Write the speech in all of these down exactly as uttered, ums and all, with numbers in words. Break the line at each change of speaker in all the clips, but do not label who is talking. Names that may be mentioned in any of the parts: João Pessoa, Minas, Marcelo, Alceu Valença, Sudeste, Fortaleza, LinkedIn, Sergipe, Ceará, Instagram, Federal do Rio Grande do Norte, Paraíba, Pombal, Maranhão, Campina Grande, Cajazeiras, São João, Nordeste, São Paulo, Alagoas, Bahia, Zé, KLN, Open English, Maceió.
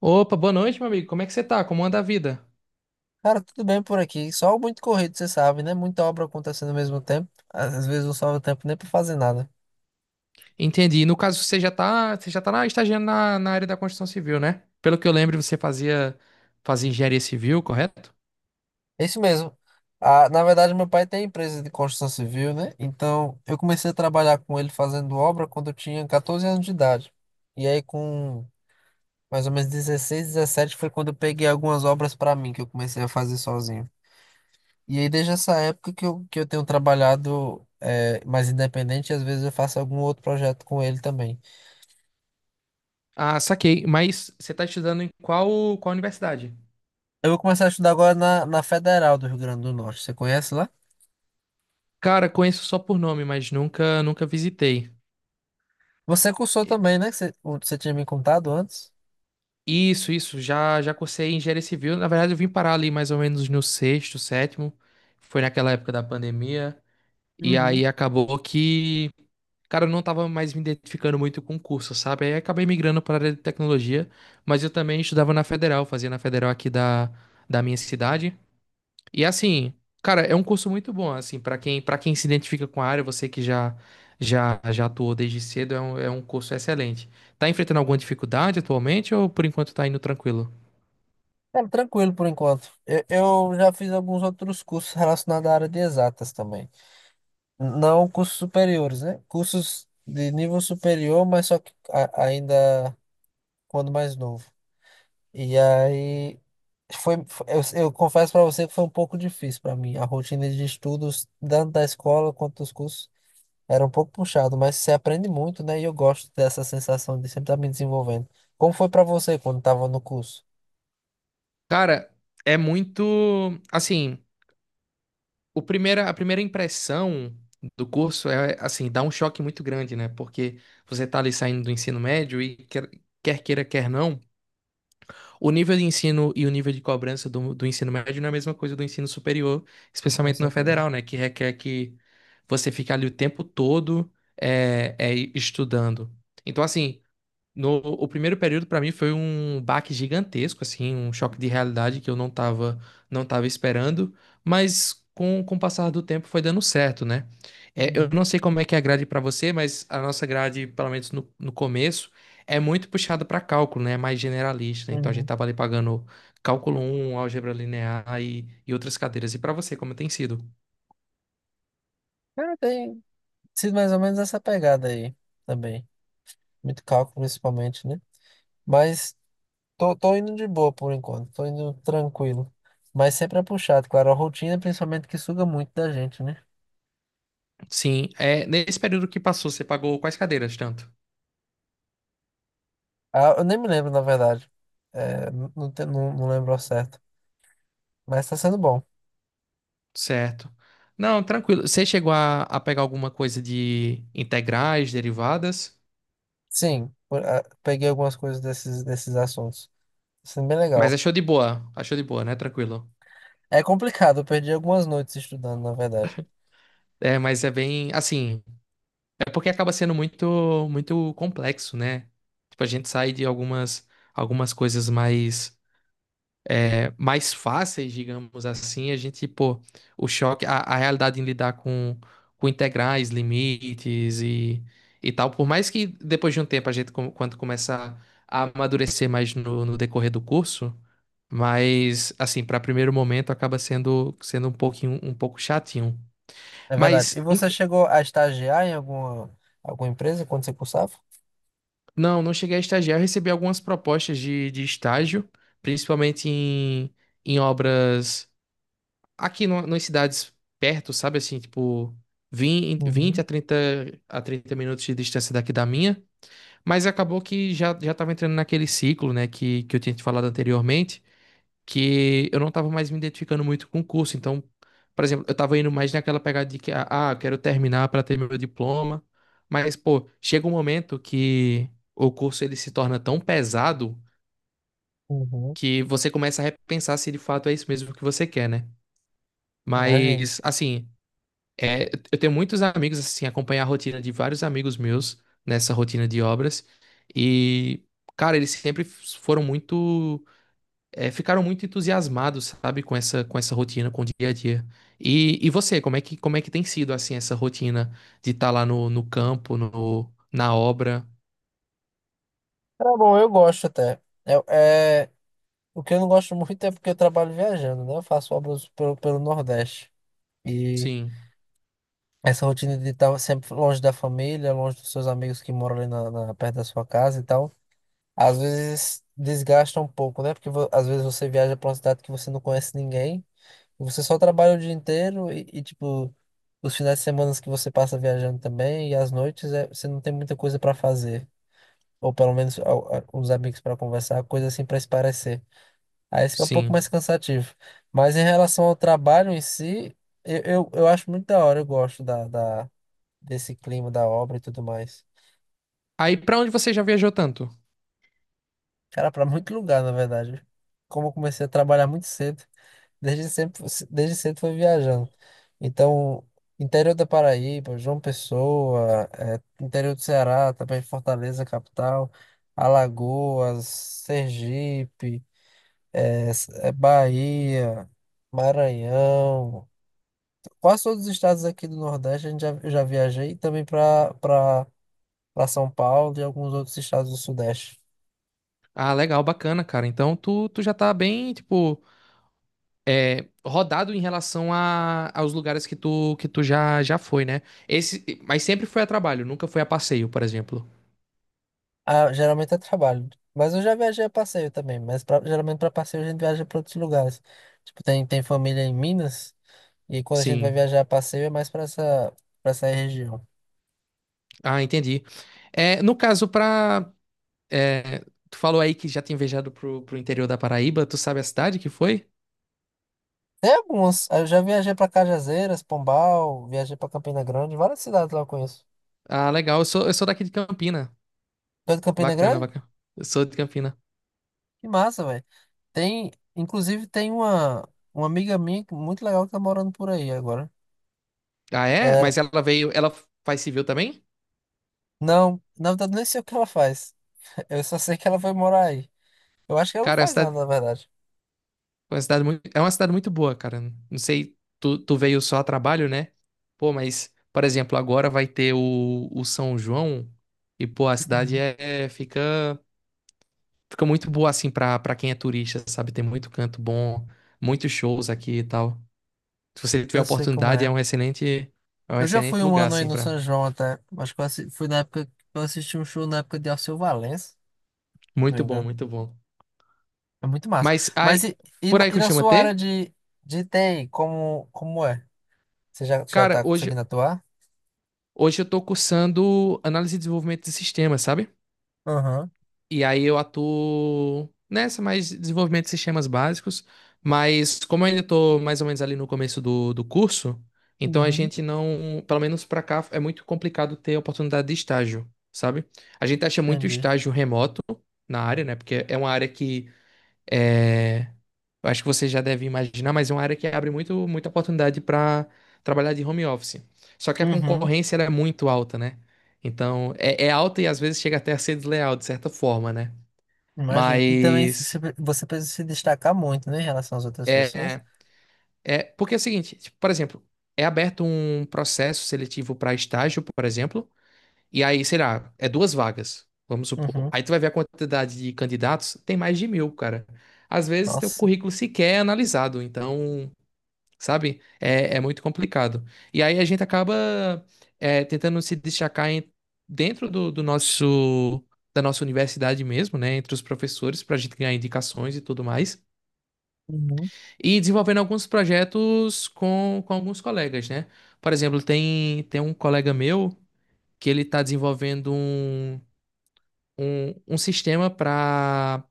Opa, boa noite, meu amigo. Como é que você tá? Como anda a vida?
Cara, tudo bem por aqui. Só muito corrido, você sabe, né? Muita obra acontecendo ao mesmo tempo. Às vezes não sobra tempo nem pra fazer nada.
Entendi. No caso, você já tá, você já tá na, estagiando na, na área da construção civil, né? Pelo que eu lembro, você fazia, fazia engenharia civil, correto?
É isso mesmo. Ah, na verdade, meu pai tem empresa de construção civil, né? Então, eu comecei a trabalhar com ele fazendo obra quando eu tinha quatorze anos de idade. E aí, com mais ou menos dezesseis dezessete foi quando eu peguei algumas obras pra mim, que eu comecei a fazer sozinho. E aí, desde essa época que eu, que eu tenho trabalhado eh, mais independente, e às vezes eu faço algum outro projeto com ele também.
Ah, saquei. Mas você tá estudando em qual, qual universidade?
Eu vou começar a estudar agora na, na Federal do Rio Grande do Norte. Você conhece lá?
Cara, conheço só por nome, mas nunca, nunca visitei.
Você cursou
E-
também, né? Que Você, o- que você tinha me contado antes.
Isso, isso. Já, já cursei engenharia civil. Na verdade, eu vim parar ali mais ou menos no sexto, sétimo. Foi naquela época da pandemia. E
Uhum.
aí acabou que cara, eu não tava mais me identificando muito com o curso, sabe? Aí acabei migrando para a área de tecnologia, mas eu também estudava na Federal, fazia na Federal aqui da, da minha cidade. E assim, cara, é um curso muito bom, assim, para quem, para quem se identifica com a área, você que já já já atuou desde cedo, é um, é um curso excelente. Tá enfrentando alguma dificuldade atualmente ou por enquanto tá indo tranquilo?
Cara, tranquilo por enquanto. Eu, eu já fiz alguns outros cursos relacionados à área de exatas também. Não cursos superiores, né? Cursos de nível superior, mas só que a- ainda quando mais novo. E aí, foi, foi- eu, eu confesso para você que foi um pouco difícil para mim, a rotina de estudos, tanto da escola quanto dos cursos. Era um pouco puxado, mas você aprende muito, né? E eu gosto dessa sensação de sempre estar me desenvolvendo. Como foi pra você quando estava no curso?
Cara, é muito, assim, O primeira, a primeira impressão do curso é, assim, dá um choque muito grande, né? Porque você tá ali saindo do ensino médio e quer, quer queira, quer não, o nível de ensino e o nível de cobrança do, do ensino médio não é a mesma coisa do ensino superior,
Com
especialmente no
certeza.
federal, né? Que requer que você fique ali o tempo todo é, é, estudando. Então, assim, no, o primeiro período para mim foi um baque gigantesco, assim, um choque de realidade que eu não tava, não tava esperando, mas com, com o passar do tempo foi dando certo, né? É, eu
Uhum,
não sei como é que é a grade para você, mas a nossa grade, pelo menos no, no começo, é muito puxada para cálculo, né? É mais generalista, né? Então a gente
uhum.
tava ali pagando cálculo um, álgebra linear e, e outras cadeiras. E para você, como tem sido?
Cara, tem sido mais ou menos essa pegada aí também. Muito cálculo, principalmente, né? Mas tô, tô indo de boa por enquanto, tô indo tranquilo. Mas sempre é puxado, claro. A rotina, principalmente, que suga muito da gente, né?
Sim, é, nesse período que passou, você pagou quais cadeiras tanto?
Ah, eu nem me lembro, na verdade. É, não, não, te- não não lembro ao certo. Mas tá sendo bom.
Certo. Não, tranquilo. Você chegou a, a pegar alguma coisa de integrais, derivadas,
Sim, por- ah, peguei algumas coisas desses, desses assuntos. Isso é bem
mas
legal.
achou de boa. Achou de boa, né? Tranquilo.
É complicado, eu perdi algumas noites estudando, na verdade.
É, mas é bem assim. É porque acaba sendo muito muito complexo, né? Tipo, a gente sai de algumas algumas coisas mais é, mais fáceis, digamos assim, a gente, pô, o choque, a, a realidade em lidar com, com integrais, limites e, e tal, por mais que depois de um tempo a gente, com- quando começa a amadurecer mais no, no decorrer do curso, mas, assim, para primeiro momento acaba sendo, sendo um pouquinho, um pouco chatinho.
É verdade. E
Mas,
você
ent-
chegou a estagiar em alguma, alguma empresa quando você cursava?
não, não cheguei a estagiar, eu recebi algumas propostas de, de estágio, principalmente em, em obras aqui no, nas cidades perto, sabe assim, tipo vinte 20
Uhum,
a trinta a trinta minutos de distância daqui da minha, mas acabou que já, já tava entrando naquele ciclo, né, que, que eu tinha te falado anteriormente, que eu não tava mais me identificando muito com o curso, então, por exemplo, eu tava indo mais naquela pegada de que, ah, ah, eu quero terminar para ter meu diploma, mas, pô, chega um momento que o curso ele se torna tão pesado
uhum,
que você começa a repensar se de fato é isso mesmo que você quer, né?
imagino.
Mas, assim, é, eu tenho muitos amigos, assim, acompanhar a rotina de vários amigos meus nessa rotina de obras. E, cara, eles sempre f- foram muito, é, ficaram muito entusiasmados, sabe, com essa, com essa rotina, com o dia a dia. E, e você, como é que, como é que tem sido, assim, essa rotina de estar lá no, no campo, no, na obra?
Era bom, eu gosto até. É, é, o que eu não gosto muito é porque eu trabalho viajando, né? Eu faço obras pelo, pelo Nordeste. E
Sim,
essa rotina de estar sempre longe da família, longe dos seus amigos que moram ali na, na- perto da sua casa e tal. Às vezes desgasta um pouco, né? Porque vo- às vezes você viaja pra uma cidade que você não conhece ninguém, e você só trabalha o dia inteiro e, e, tipo, os finais de semana que você passa viajando também, e as noites é, você não tem muita coisa pra fazer. Ou pelo menos a- a- os amigos pra conversar, coisa assim pra se parecer. Aí isso que é um pouco
sim.
mais cansativo. Mas em relação ao trabalho em si, eu, eu, eu acho muito da hora, eu gosto da, da, desse clima da obra e tudo mais.
Aí, pra onde você já viajou tanto?
Cara, pra muito lugar, na verdade. Como eu comecei a trabalhar muito cedo, desde sempre, desde cedo fui viajando. Então, interior da Paraíba, João Pessoa, eh, interior do Ceará, também Fortaleza, capital, Alagoas, Sergipe, eh, S- eh, Bahia, Maranhão. Quase todos os estados aqui do Nordeste a gente já, eu já viajei e também para para São Paulo e alguns outros estados do Sudeste.
Ah, legal, bacana, cara. Então, tu, tu já tá bem, tipo rodado em relação a, aos lugares que tu, que tu já, já foi, né? Esse, mas sempre foi a trabalho, nunca foi a passeio, por exemplo.
Ah, geralmente é trabalho. Mas eu já viajei a passeio também. Mas pra- geralmente para passeio a gente viaja para outros lugares. Tipo, tem, tem família em Minas. E quando a gente vai
Sim.
viajar a passeio é mais para essa, para essa região.
Ah, entendi. É, no caso, pra. É, tu falou aí que já tinha viajado pro, pro interior da Paraíba, tu sabe a cidade que foi?
Tem alguns. Eu já viajei para Cajazeiras, Pombal. Viajei para Campina Grande. Várias cidades lá eu conheço.
Ah, legal. Eu sou, eu sou daqui de Campina.
Tu é de Campina
Bacana,
Grande?
bacana. Eu sou de Campina.
Que massa, velho. Tem, inclusive, tem uma, uma amiga minha que- muito legal que tá morando por aí agora.
Ah, é?
Ela-
Mas ela veio. Ela faz civil também?
não, na verdade, nem sei o que ela faz. Eu só sei que ela foi morar aí. Eu acho que ela não
Cara, é
faz
cidade.
nada, na verdade.
Foi uma cidade muito, é uma cidade muito boa, cara. Não sei, tu, tu veio só a trabalho, né? Pô, mas, por exemplo, agora vai ter o, o São João e, pô, a cidade
Uhum.
é, é- fica, fica muito boa, assim, pra, pra quem é turista, sabe? Tem muito canto bom, muitos shows aqui e tal. Se você tiver a
Eu sei como
oportunidade, é
é.
um excelente, é um
Eu já
excelente
fui um
lugar,
ano aí
assim,
no
pra...
São João até. Acho que eu assi- fui na época que eu assisti um show na época de Alceu Valença, se não me
Muito bom,
engano.
muito bom.
É muito massa.
Mas
Mas
aí,
e, e,
por
na,
aí
e na
costuma
sua área
ter?
de, de T I, como, como é? Você já, já
Cara,
tá
hoje,
conseguindo atuar?
hoje eu tô cursando análise e desenvolvimento de sistemas, sabe?
Aham.
E aí eu atuo nessa mais desenvolvimento de sistemas básicos, mas como eu ainda estou mais ou menos ali no começo do, do curso, então a
Uhum.
gente não, pelo menos para cá, é muito complicado ter oportunidade de estágio, sabe? A gente acha muito
Entendi.
estágio remoto na área, né? Porque é uma área que é, eu acho que você já deve imaginar, mas é uma área que abre muito, muita oportunidade para trabalhar de home office. Só que a
Uhum.
concorrência ela é muito alta, né? Então, é, é alta e às vezes chega até a ser desleal, de certa forma, né?
Imagino. E também se- se-
Mas
você precisa se destacar muito, né, em relação às outras pessoas.
é, é porque é o seguinte, tipo, por exemplo, é aberto um processo seletivo para estágio, por exemplo, e aí, sei lá, é duas vagas, vamos supor.
Uhum.
Aí tu vai ver a quantidade de candidatos, tem mais de mil, cara. Às vezes teu
Nossa.
currículo sequer é analisado, então, sabe, é, é muito complicado. E aí a gente acaba é, tentando se destacar em- dentro do, do nosso, da nossa universidade mesmo, né, entre os professores, para a gente ganhar indicações e tudo mais.
Uhum.
E desenvolvendo alguns projetos com, com alguns colegas, né? Por exemplo, tem, tem um colega meu que ele está desenvolvendo um, um, um sistema para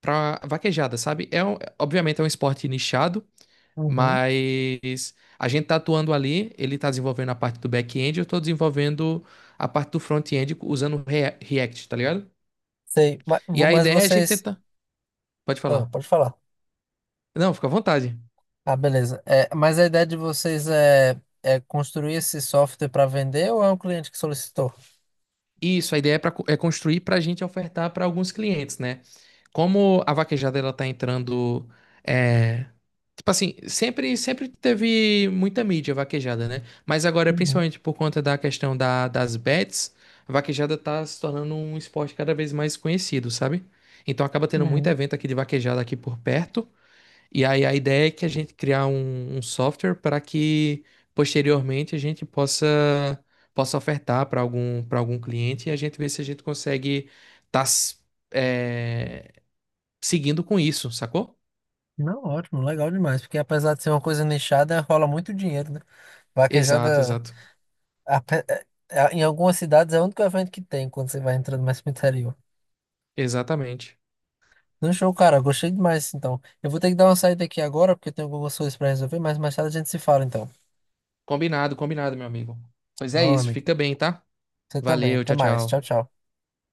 para vaquejada, sabe? É, um- obviamente é um esporte nichado,
Uhum.
mas a gente está atuando ali, ele está desenvolvendo a parte do back-end, eu estou desenvolvendo a parte do front-end usando Rea- React, tá ligado?
Sei. Mas,
E a
mas
ideia é a gente
vocês.
tentar... Pode
Ah,
falar.
pode falar.
Não, fica à vontade.
Ah, beleza. É, mas a ideia de vocês é, é construir esse software para vender ou é um cliente que solicitou?
Isso, a ideia é, pra, co- é construir para a gente ofertar para alguns clientes, né? Como a vaquejada ela tá entrando, é, tipo assim, sempre sempre teve muita mídia vaquejada, né? Mas agora,
Uhum,
principalmente por conta da questão da, das bets, a vaquejada tá se tornando um esporte cada vez mais conhecido, sabe? Então acaba tendo muito
uhum.
evento aqui de vaquejada aqui por perto e aí a ideia é que a gente criar um, um software para que posteriormente a gente possa possa ofertar para algum para algum cliente e a gente ver se a gente consegue estar seguindo com isso, sacou?
Não, ótimo, legal demais, porque apesar de ser uma coisa nichada, rola muito dinheiro, né?
Exato,
Vaquejada,
exato,
ape- é- é- em algumas cidades é o único evento que tem quando você vai entrando mais pro interior.
exatamente.
Não, show, cara, gostei demais, então. Eu vou ter que dar uma saída aqui agora, porque eu tenho algumas coisas para resolver, mas mais tarde a gente se fala, então.
Combinado, combinado, meu amigo. Pois é
Valeu, meu
isso,
amigo.
fica bem, tá?
Você também,
Valeu,
até
tchau,
mais, tchau,
tchau.
tchau.